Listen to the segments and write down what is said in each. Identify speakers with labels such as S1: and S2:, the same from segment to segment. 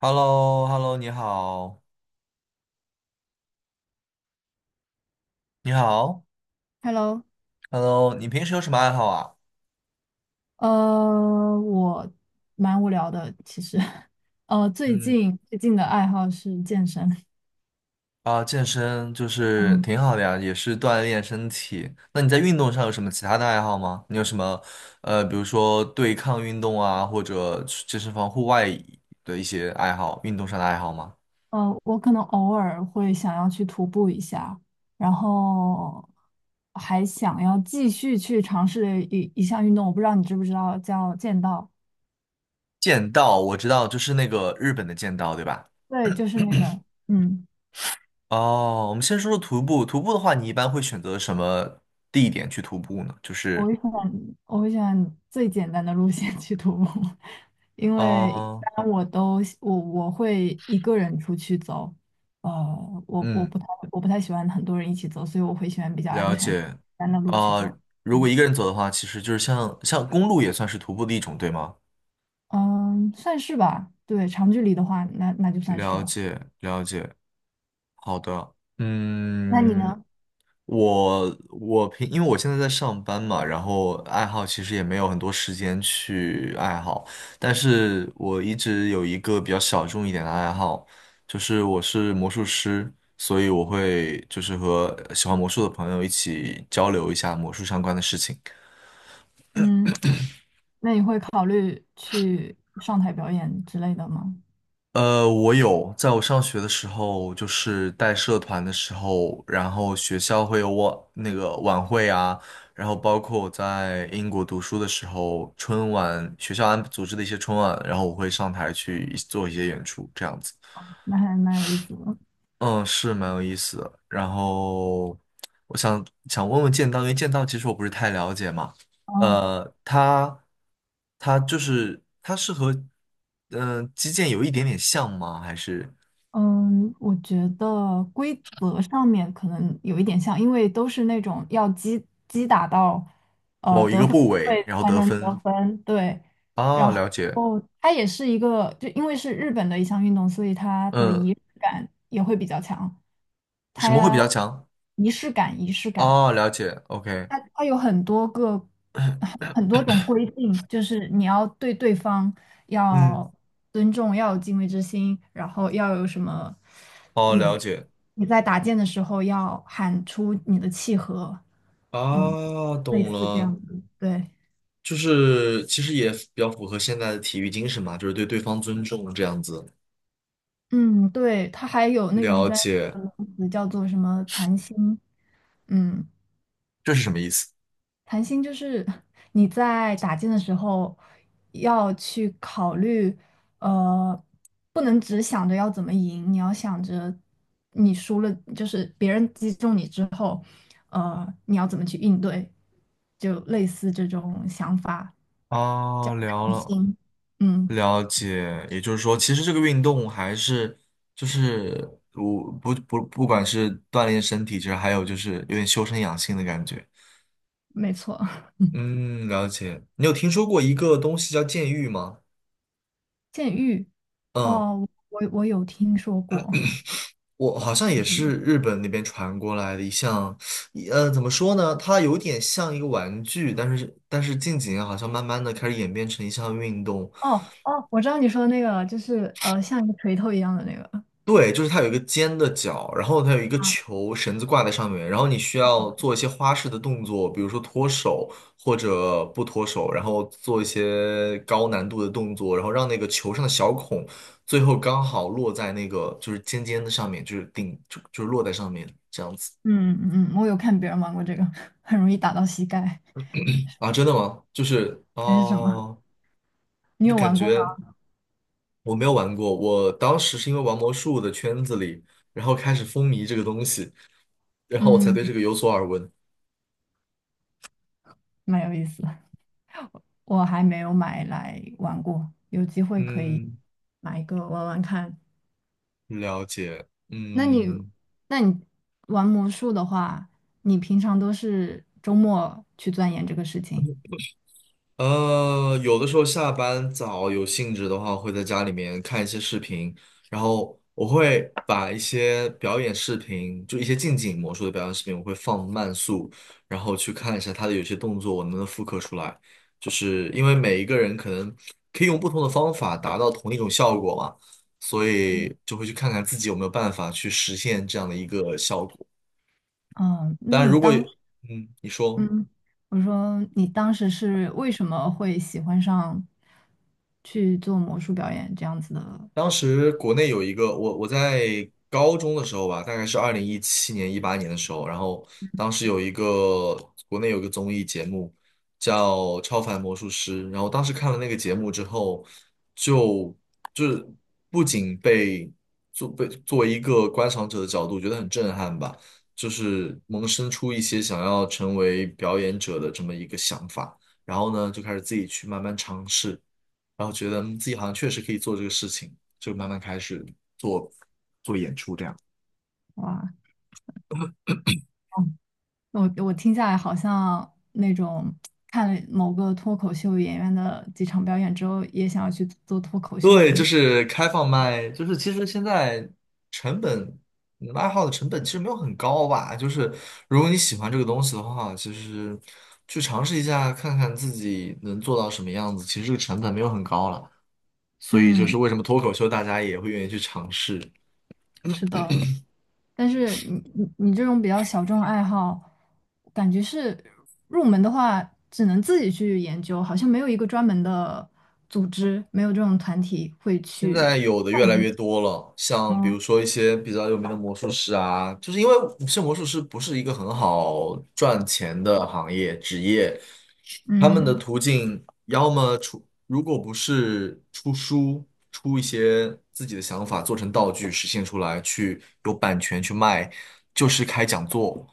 S1: h e l l o h e l l o 你好，你好
S2: Hello，
S1: ，Hello，你平时有什么爱好啊？
S2: 我蛮无聊的，其实。最
S1: 嗯，
S2: 近最近的爱好是健身。
S1: 啊，健身就是
S2: 嗯。
S1: 挺好的呀，也是锻炼身体。那你在运动上有什么其他的爱好吗？你有什么比如说对抗运动啊，或者去健身房户外的一些爱好，运动上的爱好吗？
S2: 我可能偶尔会想要去徒步一下，然后还想要继续去尝试一项运动，我不知道你知不知道叫剑道。
S1: 剑道我知道，就是那个日本的剑道，对吧？
S2: 对，就是那个。嗯。
S1: 哦，我们先说说徒步。徒步的话，你一般会选择什么地点去徒步呢？就
S2: 我
S1: 是，
S2: 会选我会选最简单的路线去徒步。因为一
S1: 啊，
S2: 般我都我我会一个人出去走。呃，我我
S1: 嗯。
S2: 不太我不太喜欢很多人一起走，所以我会喜欢比较安
S1: 了
S2: 全、
S1: 解。
S2: 单的路去
S1: 啊、
S2: 走。
S1: 如果
S2: 嗯，
S1: 一个人走的话，其实就是像公路也算是徒步的一种，对吗？
S2: 嗯，算是吧。对，长距离的话，那就算是
S1: 了
S2: 了。
S1: 解，了解。好的，
S2: 那你
S1: 嗯，
S2: 呢？
S1: 我平，因为我现在在上班嘛，然后爱好其实也没有很多时间去爱好，但是我一直有一个比较小众一点的爱好，就是我是魔术师，所以我会就是和喜欢魔术的朋友一起交流一下魔术相关的事情。
S2: 嗯，那你会考虑去上台表演之类的吗？
S1: 我有，在我上学的时候，就是带社团的时候，然后学校会有我那个晚会啊，然后包括我在英国读书的时候，春晚学校安组织的一些春晚，然后我会上台去做一些演出，这样子，
S2: 那还蛮有意思的。
S1: 嗯，是蛮有意思的。然后我想想问问剑道，因为剑道其实我不是太了解嘛，
S2: 嗯
S1: 呃，它它就是它是和击剑有一点点像吗？还是？
S2: 嗯，我觉得规则上面可能有一点像，因为都是那种要击打到
S1: 某一
S2: 得
S1: 个
S2: 分
S1: 部
S2: 部
S1: 位，
S2: 位
S1: 然后
S2: 才
S1: 得
S2: 能得
S1: 分。
S2: 分。对。
S1: 啊，了解。
S2: 哦，它也是一个，就因为是日本的一项运动，所以它的
S1: 嗯，
S2: 仪式感也会比较强。
S1: 什么会比
S2: 它
S1: 较强？
S2: 仪式感，仪式感。
S1: 啊，了解。OK。
S2: 它它有很多个很多种规定，就是你要对对方
S1: 嗯，
S2: 要尊重，要有敬畏之心，然后要有什么，
S1: 哦，
S2: 你
S1: 了解。
S2: 你在打剑的时候要喊出你的契合。嗯，
S1: 啊，
S2: 类
S1: 懂
S2: 似这样
S1: 了。
S2: 子。对。
S1: 就是其实也比较符合现在的体育精神嘛，就是对对方尊重这样子。
S2: 嗯，对，它还有那种
S1: 了
S2: 专业
S1: 解，
S2: 的名词叫做什么残心。嗯，
S1: 这是什么意思？
S2: 谈心就是 你在打剑的时候要去考虑，呃，不能只想着要怎么赢，你要想着你输了，就是别人击中你之后，你要怎么去应对，就类似这种想法。叫
S1: 啊，聊了，
S2: 嗯，
S1: 了解，也就是说，其实这个运动还是就是我不管是锻炼身体，其实还有就是有点修身养性的感觉。
S2: 没错。
S1: 嗯，了解。你有听说过一个东西叫剑玉吗？
S2: 剑玉。
S1: 嗯，
S2: 哦，我我有听说过。
S1: 我好像
S2: 是
S1: 也
S2: 什么？
S1: 是日本那边传过来的一项，怎么说呢？它有点像一个玩具，但是近几年好像慢慢的开始演变成一项运动。
S2: 哦哦，我知道你说的那个，就是像一个锤头一样的那个。
S1: 对，就是它有一个尖的角，然后它有一个
S2: 啊。
S1: 球绳子挂在上面，然后你需要
S2: 哦。
S1: 做一些花式的动作，比如说脱手或者不脱手，然后做一些高难度的动作，然后让那个球上的小孔最后刚好落在那个就是尖尖的上面，就是就是落在上面这样子
S2: 嗯嗯，嗯我有看别人玩过这个。很容易打到膝盖
S1: 啊？真的吗？就是
S2: 还是什么？
S1: 哦，
S2: 你
S1: 就
S2: 有
S1: 感
S2: 玩过吗？
S1: 觉我没有玩过，我当时是因为玩魔术的圈子里，然后开始风靡这个东西，然后我才
S2: 嗯，
S1: 对这个有所耳闻。
S2: 蛮有意思的，我还没有买来玩过，有机会可以
S1: 嗯，
S2: 买一个玩玩看。
S1: 了解。
S2: 那你，
S1: 嗯，
S2: 那你玩魔术的话，你平常都是周末去钻研这个事情？
S1: 有的时候下班早有兴致的话，会在家里面看一些视频，然后我会把一些表演视频，就一些近景魔术的表演视频，我会放慢速，然后去看一下他的有些动作我能不能复刻出来。就是因为每一个人可能可以用不同的方法达到同一种效果嘛，所
S2: 嗯。
S1: 以就会去看看自己有没有办法去实现这样的一个效果。
S2: 哦
S1: 当
S2: 那
S1: 然，
S2: 你
S1: 如果
S2: 当，
S1: 你说。
S2: 嗯，我说你当时是为什么会喜欢上去做魔术表演这样子的？
S1: 当时国内有一个我在高中的时候吧，大概是2017年18年的时候，然后当时有一个国内有个综艺节目叫《超凡魔术师》，然后当时看了那个节目之后，就就是不仅被作为一个观赏者的角度觉得很震撼吧，就是萌生出一些想要成为表演者的这么一个想法，然后呢就开始自己去慢慢尝试，然后觉得自己好像确实可以做这个事情。就慢慢开始做做演出这样。
S2: 哇，我我听下来好像那种看了某个脱口秀演员的几场表演之后，也想要去做脱口秀的
S1: 对，就
S2: 那。
S1: 是开放麦，就是其实现在成本爱好的成本其实没有很高吧，就是如果你喜欢这个东西的话，其实去尝试一下看看自己能做到什么样子，其实这个成本没有很高了，所以就
S2: 嗯，
S1: 是为什么脱口秀大家也会愿意去尝试。
S2: 是的。但是你这种比较小众爱好，感觉是入门的话，只能自己去研究，好像没有一个专门的组织，没有这种团体会
S1: 现
S2: 去。
S1: 在有的越来越多了，像比
S2: 嗯
S1: 如说一些比较有名的魔术师啊，就是因为是魔术师不是一个很好赚钱的行业职业，他们的
S2: 嗯，
S1: 途径要么出，如果不是出书，出一些自己的想法做成道具实现出来，去有版权去卖，就是开讲座。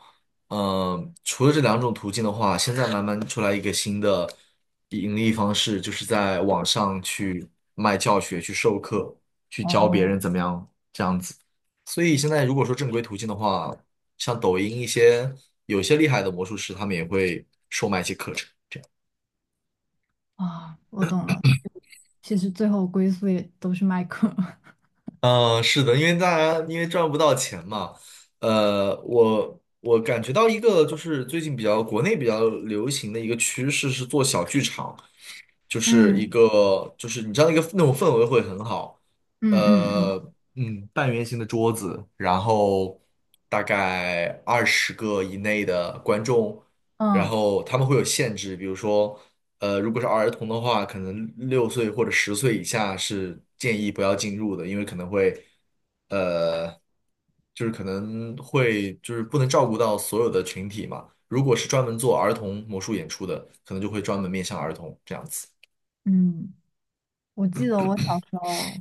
S1: 嗯，除了这两种途径的话，现在慢慢出来一个新的盈利方式，就是在网上去卖教学、去授课、去教别
S2: 哦
S1: 人怎么样。所以现在如果说正规途径的话，像抖音一些有些厉害的魔术师，他们也会售卖一些课程。
S2: 啊，我懂了。其实最后归宿也都是麦克。
S1: 嗯，是的，因为大家因为赚不到钱嘛，我感觉到一个就是最近比较国内比较流行的一个趋势是做小剧场。就是一
S2: 嗯
S1: 个就是你知道那种氛围会很好，
S2: 嗯嗯
S1: 呃，
S2: 嗯
S1: 半圆形的桌子，然后大概20个以内的观众，然
S2: 嗯
S1: 后他们会有限制，比如说，如果是儿童的话，可能6岁或者10岁以下是建议不要进入的，因为可能会，呃，就是可能会就是不能照顾到所有的群体嘛。如果是专门做儿童魔术演出的，可能就会专门面向儿童这样子。
S2: 嗯。我记得我小时候，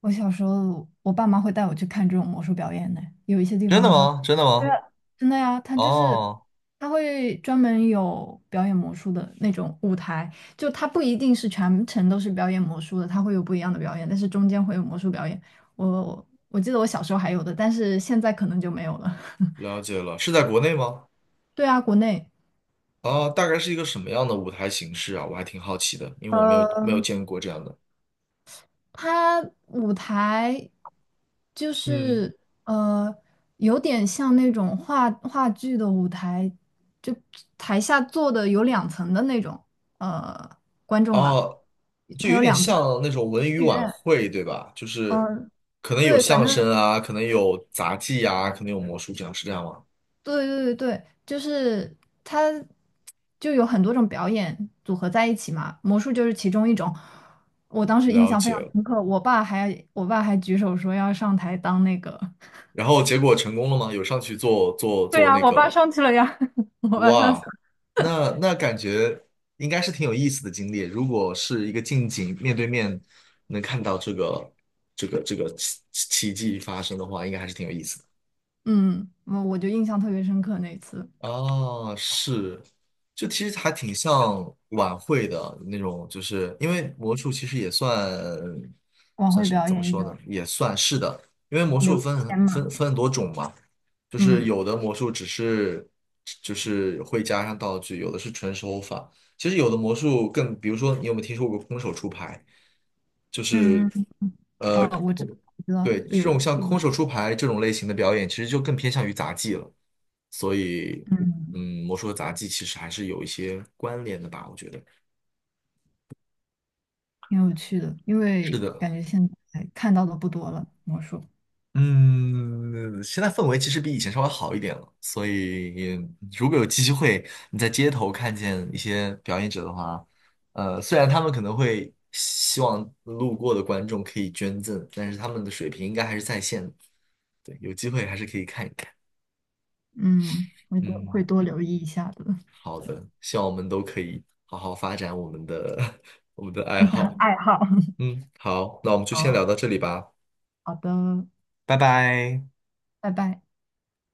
S2: 我小时候，我爸妈会带我去看这种魔术表演呢。有一些地
S1: 真的
S2: 方他
S1: 吗？真的
S2: 对啊，
S1: 吗？
S2: 真的呀，他就是
S1: 哦，
S2: 他会专门有表演魔术的那种舞台，就他不一定是全程都是表演魔术的，他会有不一样的表演，但是中间会有魔术表演。我记得我小时候还有的，但是现在可能就没有了。
S1: 了解了，是在国内吗？
S2: 对啊，国内。
S1: 啊，大概是一个什么样的舞台形式啊？我还挺好奇的，因为我没有
S2: 呃
S1: 见过这样的。
S2: 它舞台就
S1: 嗯，
S2: 是呃，有点像那种话剧的舞台，就台下坐的有两层的那种呃观众啦。
S1: 哦，就
S2: 它
S1: 有
S2: 有
S1: 点
S2: 两层
S1: 像那种文娱
S2: 剧
S1: 晚
S2: 院。
S1: 会，对吧？就是
S2: 嗯、
S1: 可能有
S2: 对，反
S1: 相
S2: 正
S1: 声啊，可能有杂技啊，可能有魔术这样，是这样吗？
S2: 对对对对，就是它就有很多种表演组合在一起嘛，魔术就是其中一种。我当时印
S1: 了
S2: 象非
S1: 解
S2: 常
S1: 了。
S2: 深刻，我爸还举手说要上台当那个。
S1: 然后结果成功了吗？有上去做做
S2: 对
S1: 做
S2: 呀，
S1: 那
S2: 我爸
S1: 个
S2: 上去了呀，我爸上去
S1: 哇，
S2: 了。
S1: 那感觉应该是挺有意思的经历。如果是一个近景面对面能看到这个奇迹发生的话，应该还是挺有意思的。
S2: 嗯，我我就印象特别深刻那一次
S1: 啊，是，就其实还挺像晚会的那种，就是因为魔术其实也算
S2: 晚
S1: 算
S2: 会
S1: 什么？
S2: 表
S1: 怎么
S2: 演一
S1: 说呢？
S2: 种
S1: 也算是的，因为魔术
S2: 刘
S1: 分
S2: 谦
S1: 很分
S2: 嘛。
S1: 分很多种嘛，就是
S2: 嗯
S1: 有的魔术只是就是会加上道具，有的是纯手法。其实有的魔术更，比如说你有没有听说过空手出牌？就是
S2: 嗯，
S1: 呃，
S2: 哦，我知道
S1: 对，这
S2: 有
S1: 种像
S2: 一
S1: 空
S2: 个
S1: 手出牌这种类型的表演，其实就更偏向于杂技了。所以，
S2: 嗯
S1: 嗯，魔术和杂技其实还是有一些关联的吧，我觉得。
S2: 挺有趣的，因
S1: 是
S2: 为
S1: 的，
S2: 感觉现在看到的不多了，魔术。
S1: 嗯，现在氛围其实比以前稍微好一点了。所以，如果有机会你在街头看见一些表演者的话，虽然他们可能会希望路过的观众可以捐赠，但是他们的水平应该还是在线的。对，有机会还是可以看一看。
S2: 嗯，会多会
S1: 嗯。
S2: 多留意一下的。
S1: 好的，希望我们都可以好好发展我们的 我们的爱好。
S2: 爱好。
S1: 嗯，好，那我们就先
S2: 好
S1: 聊到这里吧，
S2: 好的。
S1: 拜拜。
S2: 拜拜。